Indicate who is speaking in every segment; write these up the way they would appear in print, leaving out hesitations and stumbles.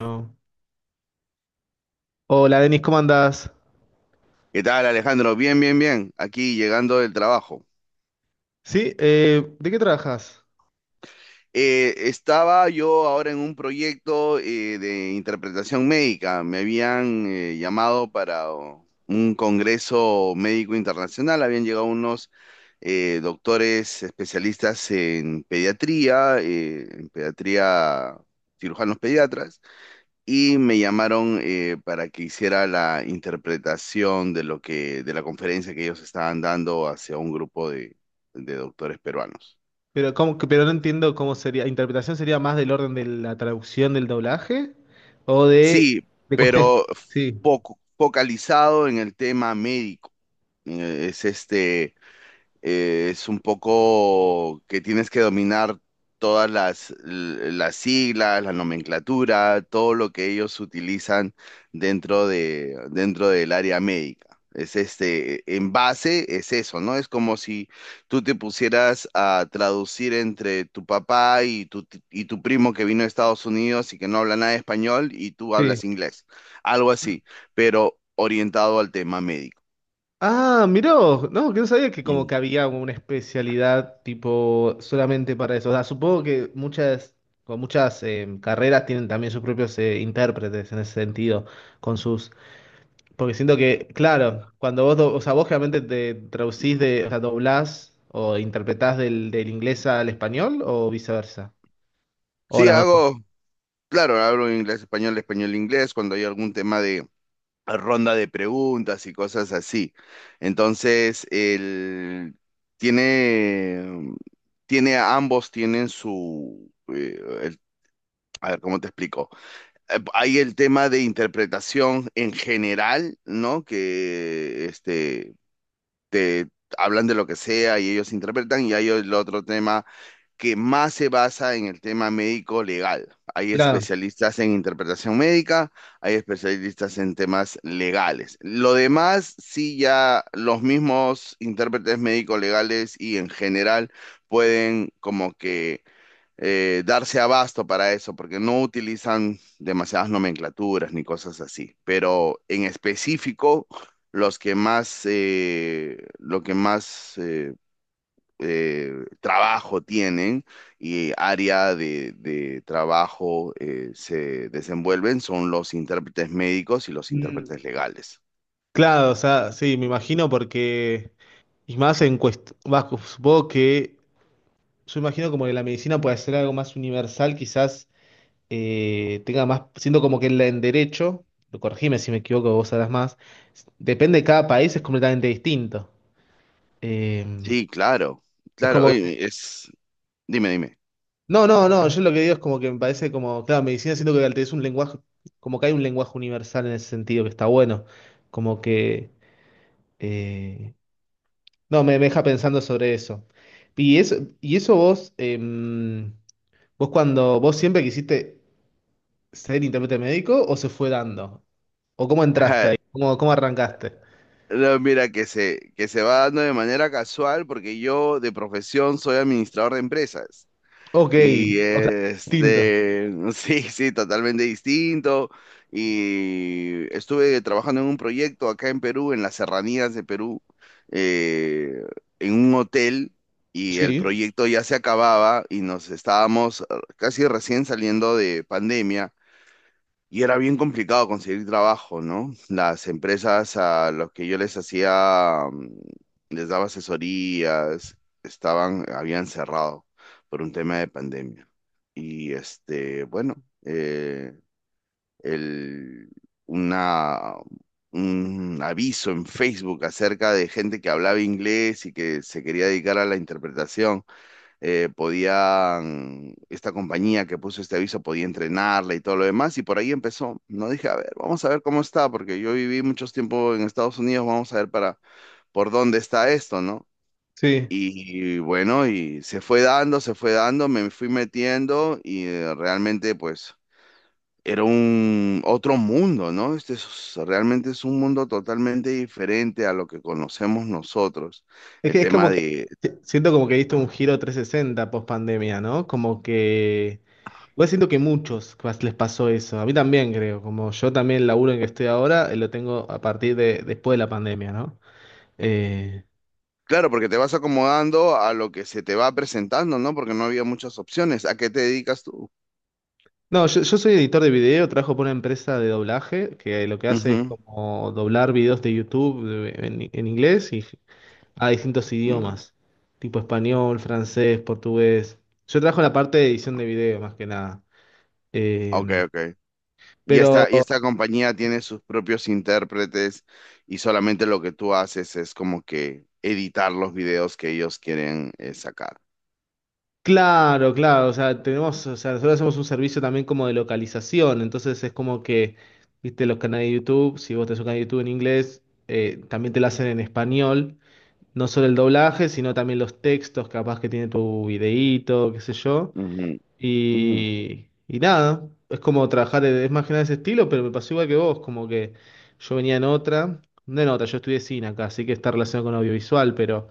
Speaker 1: No. Hola, Denis, ¿cómo andás?
Speaker 2: ¿Qué tal, Alejandro? Bien, bien, bien. Aquí llegando del trabajo.
Speaker 1: Sí, ¿de qué trabajas?
Speaker 2: Estaba yo ahora en un proyecto de interpretación médica. Me habían llamado para un congreso médico internacional. Habían llegado unos doctores especialistas en pediatría, cirujanos pediatras. Y me llamaron para que hiciera la interpretación de la conferencia que ellos estaban dando hacia un grupo de doctores peruanos.
Speaker 1: Pero no entiendo cómo sería. ¿Interpretación sería más del orden de la traducción del doblaje? ¿O
Speaker 2: Sí,
Speaker 1: de cuestiones?
Speaker 2: pero
Speaker 1: Sí,
Speaker 2: focalizado en el tema médico. Es es un poco que tienes que dominar todas las siglas, la nomenclatura, todo lo que ellos utilizan dentro del área médica. Es en base es eso, ¿no? Es como si tú te pusieras a traducir entre tu papá y tu primo que vino de Estados Unidos y que no habla nada de español y tú
Speaker 1: sí.
Speaker 2: hablas inglés, algo así, pero orientado al tema médico.
Speaker 1: Ah, miró. No, que no sabía que como
Speaker 2: Mm.
Speaker 1: que había una especialidad tipo solamente para eso. O sea, supongo que muchas, con muchas carreras tienen también sus propios intérpretes en ese sentido, con sus. Porque siento que, claro, cuando vos, o sea, vos realmente te traducís de, o sea, doblás o interpretás del, del inglés al español o viceversa. O
Speaker 2: Sí,
Speaker 1: las dos cosas.
Speaker 2: hago. Claro, hablo inglés, español, español, inglés, cuando hay algún tema de ronda de preguntas y cosas así. Entonces, el tiene, tiene, ambos tienen su, a ver, ¿cómo te explico? Hay el tema de interpretación en general, ¿no? Que, te hablan de lo que sea y ellos interpretan, y hay el otro tema que más se basa en el tema médico legal. Hay
Speaker 1: Claro.
Speaker 2: especialistas en interpretación médica, hay especialistas en temas legales. Lo demás, sí, ya los mismos intérpretes médico legales y en general pueden como que darse abasto para eso, porque no utilizan demasiadas nomenclaturas ni cosas así. Pero en específico, lo que más eh, trabajo tienen y área de trabajo se desenvuelven son los intérpretes médicos y los
Speaker 1: Mm,
Speaker 2: intérpretes legales.
Speaker 1: claro, o sea, sí, me imagino porque, y más en cuestión, supongo que, yo imagino como que la medicina puede ser algo más universal, quizás tenga más, siento como que en en derecho, lo corregime si me equivoco, vos sabrás más, depende de cada país, es completamente distinto. Eh,
Speaker 2: Sí, claro,
Speaker 1: es
Speaker 2: claro,
Speaker 1: como
Speaker 2: oye, es, dime, dime.
Speaker 1: no, no, no, yo lo que digo es como que me parece como, claro, medicina siento que es un lenguaje, como que hay un lenguaje universal en ese sentido que está bueno, como que, eh, no, me deja pensando sobre eso. Y eso, y eso vos, vos cuando, vos siempre quisiste ser intérprete médico o se fue dando, o cómo entraste ahí, cómo, cómo arrancaste.
Speaker 2: No, mira, que se va dando de manera casual porque yo de profesión soy administrador de empresas.
Speaker 1: Ok,
Speaker 2: Y
Speaker 1: o sea, distinto.
Speaker 2: sí, sí, totalmente distinto. Y estuve trabajando en un proyecto acá en Perú, en las serranías de Perú, eh, en un hotel, y el
Speaker 1: Sí,
Speaker 2: proyecto ya se acababa y nos estábamos casi recién saliendo de pandemia. Y era bien complicado conseguir trabajo, ¿no? Las empresas a los que yo les hacía, les daba asesorías, estaban, habían cerrado por un tema de pandemia. Bueno, eh, el, una, un aviso en Facebook acerca de gente que hablaba inglés y que se quería dedicar a la interpretación podían, esta compañía que puso este aviso podía entrenarla y todo lo demás, y por ahí empezó. No dije, a ver, vamos a ver cómo está, porque yo viví muchos tiempo en Estados Unidos, vamos a ver para por dónde está esto, ¿no?
Speaker 1: sí.
Speaker 2: Y, bueno, y se fue dando, me fui metiendo y realmente pues era un otro mundo, ¿no? Este es, realmente es un mundo totalmente diferente a lo que conocemos nosotros.
Speaker 1: Es
Speaker 2: El
Speaker 1: que es
Speaker 2: tema
Speaker 1: como que,
Speaker 2: de.
Speaker 1: siento como que diste un giro 360 post pandemia, ¿no? Como que... Voy siento que muchos les pasó eso. A mí también creo, como yo también el laburo en que estoy ahora, lo tengo a partir de después de la pandemia, ¿no? Eh,
Speaker 2: Claro, porque te vas acomodando a lo que se te va presentando, ¿no? Porque no había muchas opciones. ¿A qué te dedicas tú?
Speaker 1: no, yo soy editor de video, trabajo por una empresa de doblaje que lo que hace es
Speaker 2: Ujú.
Speaker 1: como doblar videos de YouTube en inglés y a distintos
Speaker 2: Mm.
Speaker 1: idiomas, tipo español, francés, portugués. Yo trabajo en la parte de edición de video más que nada. Eh,
Speaker 2: Ok, ok. Y
Speaker 1: pero
Speaker 2: esta, y esta compañía tiene sus propios intérpretes y solamente lo que tú haces es como que editar los videos que ellos quieren sacar.
Speaker 1: claro, claro, o sea, tenemos, o sea, nosotros hacemos un servicio también como de localización, entonces es como que, viste, los canales de YouTube, si vos tenés un canal de YouTube en inglés, también te lo hacen en español, no solo el doblaje, sino también los textos, capaz que tiene tu videíto, qué sé yo,
Speaker 2: Ujú, ujú,
Speaker 1: y nada, es como trabajar, es más que nada ese estilo, pero me pasó igual que vos, como que yo venía en otra, no en otra, yo estudié cine acá, así que está relacionado con audiovisual, pero...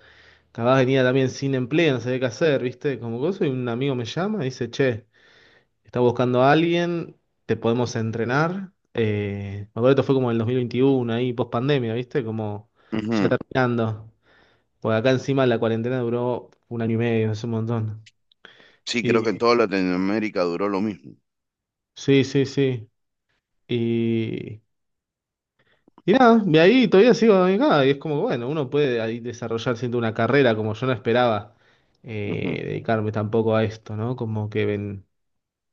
Speaker 1: Capaz venía también sin empleo, no sabía qué hacer, ¿viste? Como cosa, y un amigo me llama y dice, che, está buscando a alguien, te podemos entrenar. Me acuerdo que esto fue como en el 2021, ahí post pandemia, ¿viste? Como ya
Speaker 2: ujú.
Speaker 1: terminando. Porque acá encima la cuarentena duró un año y medio, es un montón.
Speaker 2: Sí, creo que
Speaker 1: Y
Speaker 2: en toda Latinoamérica duró lo mismo.
Speaker 1: sí, sí, sí. Y, y nada, de ahí todavía sigo acá, y es como, bueno, uno puede ahí desarrollar siento una carrera como yo no esperaba
Speaker 2: Ujú.
Speaker 1: dedicarme tampoco a esto, ¿no? Como que ven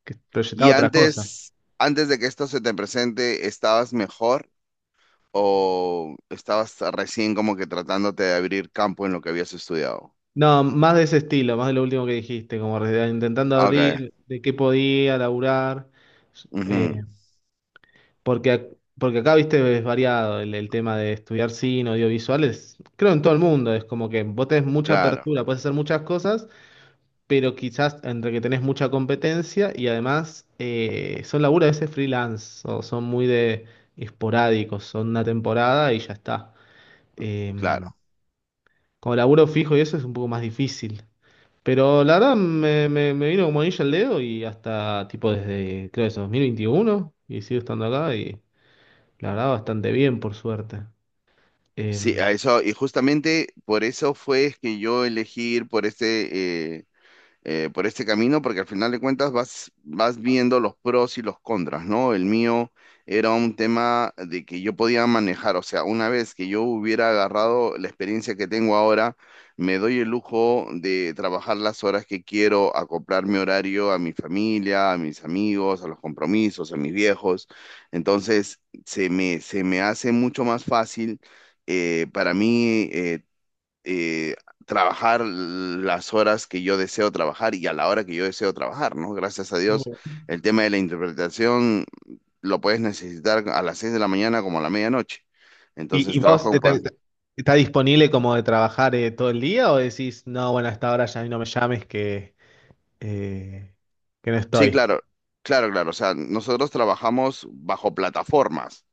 Speaker 1: que
Speaker 2: ¿Y
Speaker 1: proyectaba otra cosa.
Speaker 2: antes de que esto se te presente, estabas mejor o estabas recién como que tratándote de abrir campo en lo que habías estudiado?
Speaker 1: No, más de ese estilo, más de lo último que dijiste, como intentando
Speaker 2: Okay.
Speaker 1: abrir de qué podía laburar, eh,
Speaker 2: Ujú.
Speaker 1: porque, porque acá, viste, es variado el tema de estudiar cine, audiovisuales, creo en todo el mundo, es como que vos tenés mucha
Speaker 2: Claro,
Speaker 1: apertura, puedes hacer muchas cosas, pero quizás entre que tenés mucha competencia y además son laburos a veces freelance, o son muy de esporádicos, son una temporada y ya está. Em,
Speaker 2: claro.
Speaker 1: como laburo fijo y eso es un poco más difícil. Pero la verdad me vino como anillo al dedo y hasta tipo desde, creo que es 2021 y sigo estando acá y la verdad bastante bien por suerte.
Speaker 2: Sí, a
Speaker 1: Em,
Speaker 2: eso, y justamente por eso fue que yo elegí ir por por este camino, porque al final de cuentas vas viendo los pros y los contras, ¿no? El mío era un tema de que yo podía manejar, o sea, una vez que yo hubiera agarrado la experiencia que tengo ahora, me doy el lujo de trabajar las horas que quiero, acoplar mi horario a mi familia, a mis amigos, a los compromisos, a mis viejos. Entonces, se me hace mucho más fácil para mí eh, trabajar las horas que yo deseo trabajar y a la hora que yo deseo trabajar, ¿no? Gracias a
Speaker 1: muy
Speaker 2: Dios,
Speaker 1: bien.
Speaker 2: el tema de la interpretación lo puedes necesitar a las 6 de la mañana como a la medianoche.
Speaker 1: ¿Y,
Speaker 2: Entonces
Speaker 1: y vos
Speaker 2: trabajo.
Speaker 1: estás disponible como de trabajar todo el día o decís, no, bueno, a esta hora ya no me llames eh, que no
Speaker 2: Sí,
Speaker 1: estoy?
Speaker 2: claro, claro, claro. O sea, nosotros trabajamos bajo plataformas.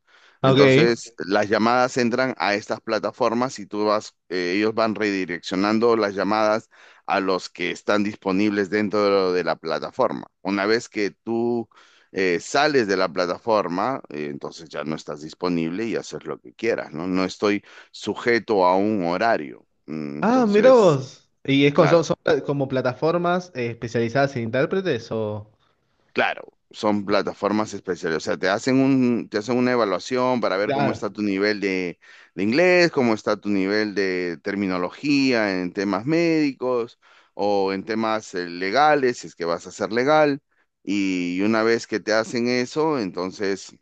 Speaker 1: Ok.
Speaker 2: Entonces, las llamadas entran a estas plataformas y tú vas, ellos van redireccionando las llamadas a los que están disponibles dentro de la plataforma. Una vez que tú sales de la plataforma, entonces ya no estás disponible y haces lo que quieras, ¿no? No estoy sujeto a un horario.
Speaker 1: Ah, mirá
Speaker 2: Entonces,
Speaker 1: vos. ¿Y es son,
Speaker 2: claro.
Speaker 1: son como plataformas especializadas en intérpretes o...?
Speaker 2: Claro, son plataformas especiales, o sea, te hacen una evaluación para ver cómo está
Speaker 1: Claro.
Speaker 2: tu nivel de inglés, cómo está tu nivel de terminología en temas médicos o en temas legales, si es que vas a ser legal. Y una vez que te hacen eso, entonces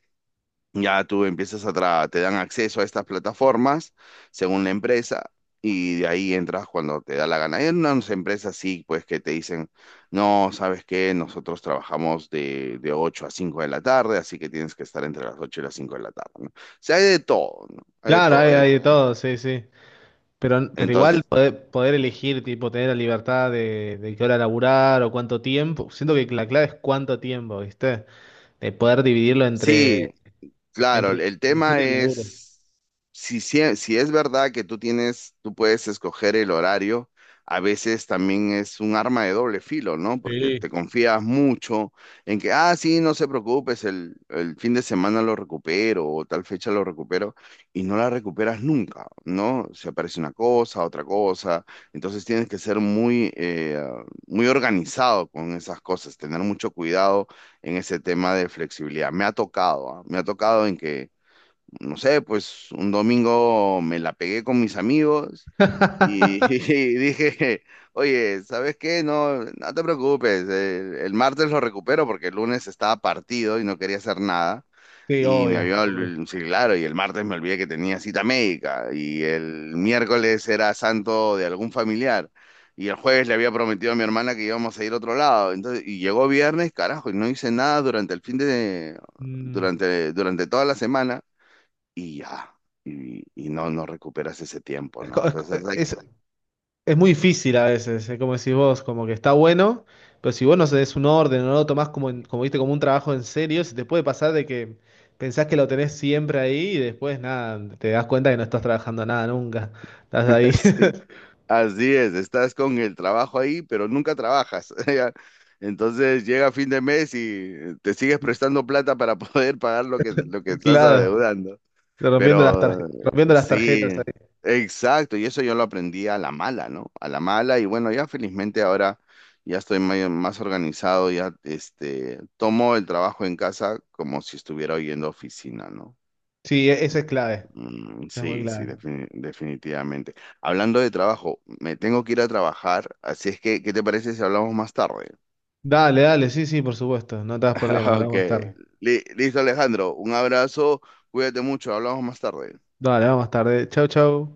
Speaker 2: ya tú empiezas a te dan acceso a estas plataformas según la empresa y de ahí entras cuando te da la gana. Hay unas empresas sí, pues que te dicen, no, ¿sabes qué? Nosotros trabajamos de 8 a 5 de la tarde, así que tienes que estar entre las 8 y las 5 de la tarde, ¿no? O sea, hay de todo, ¿no? Hay de
Speaker 1: Claro,
Speaker 2: todo,
Speaker 1: hay,
Speaker 2: hay de
Speaker 1: hay de
Speaker 2: todo.
Speaker 1: todo, sí, sí. Pero igual
Speaker 2: Entonces,
Speaker 1: poder, poder elegir, tipo, tener la libertad de qué hora laburar o cuánto tiempo. Siento que la clave es cuánto tiempo, ¿viste? De poder dividirlo
Speaker 2: sí.
Speaker 1: entre,
Speaker 2: Claro,
Speaker 1: entre
Speaker 2: el
Speaker 1: el
Speaker 2: tema
Speaker 1: disfrute y el laburo.
Speaker 2: es, si es verdad que tú puedes escoger el horario, a veces también es un arma de doble filo, ¿no? Porque
Speaker 1: Sí.
Speaker 2: te confías mucho en que, ah, sí, no se preocupes, el fin de semana lo recupero o tal fecha lo recupero y no la recuperas nunca, ¿no? Se aparece una cosa, otra cosa, entonces tienes que ser muy organizado con esas cosas, tener mucho cuidado en ese tema de flexibilidad. Me ha tocado, ¿ah? Me ha tocado en que, no sé, pues un domingo me la pegué con mis amigos y, y dije, oye, ¿sabes qué? No, no te preocupes, el martes lo recupero porque el lunes estaba partido y no quería hacer nada.
Speaker 1: Sí,
Speaker 2: Y me
Speaker 1: obvio,
Speaker 2: había,
Speaker 1: obvio.
Speaker 2: sí, claro, y el martes me olvidé que tenía cita médica, y el miércoles era santo de algún familiar, y el jueves le había prometido a mi hermana que íbamos a ir a otro lado, entonces, y llegó viernes, carajo, y no hice nada durante el fin de,
Speaker 1: Mm.
Speaker 2: durante toda la semana, y ya, y no, no recuperas ese tiempo,
Speaker 1: Es, co-
Speaker 2: ¿no?
Speaker 1: es co-
Speaker 2: Entonces, hay,
Speaker 1: es Es muy difícil a veces, es como decís vos, como que está bueno, pero si vos no des un orden o no lo tomás como, como, viste, como un trabajo en serio, se te puede pasar de que pensás que lo tenés siempre ahí y después nada, te das cuenta que no estás trabajando nada nunca. Estás ahí,
Speaker 2: así es, estás con el trabajo ahí, pero nunca trabajas. Ya. Entonces llega fin de mes y te sigues prestando plata para poder pagar lo que estás
Speaker 1: claro,
Speaker 2: adeudando. Pero
Speaker 1: rompiendo las tarjetas
Speaker 2: sí,
Speaker 1: ahí.
Speaker 2: exacto, y eso yo lo aprendí a la mala, ¿no? A la mala, y bueno, ya felizmente ahora ya estoy más organizado, ya tomo el trabajo en casa como si estuviera hoy en la oficina, ¿no?
Speaker 1: Sí, eso es clave,
Speaker 2: Mm,
Speaker 1: eso es muy
Speaker 2: sí, sí,
Speaker 1: clave.
Speaker 2: definitivamente. Hablando de trabajo, me tengo que ir a trabajar, así es que, ¿qué te parece si hablamos más tarde?
Speaker 1: Dale, dale, sí, sí, por supuesto, no te das problema,
Speaker 2: Ok,
Speaker 1: hablamos más tarde.
Speaker 2: Listo Alejandro, un abrazo, cuídate mucho, hablamos más tarde.
Speaker 1: Dale, vamos más tarde. Chau, chau.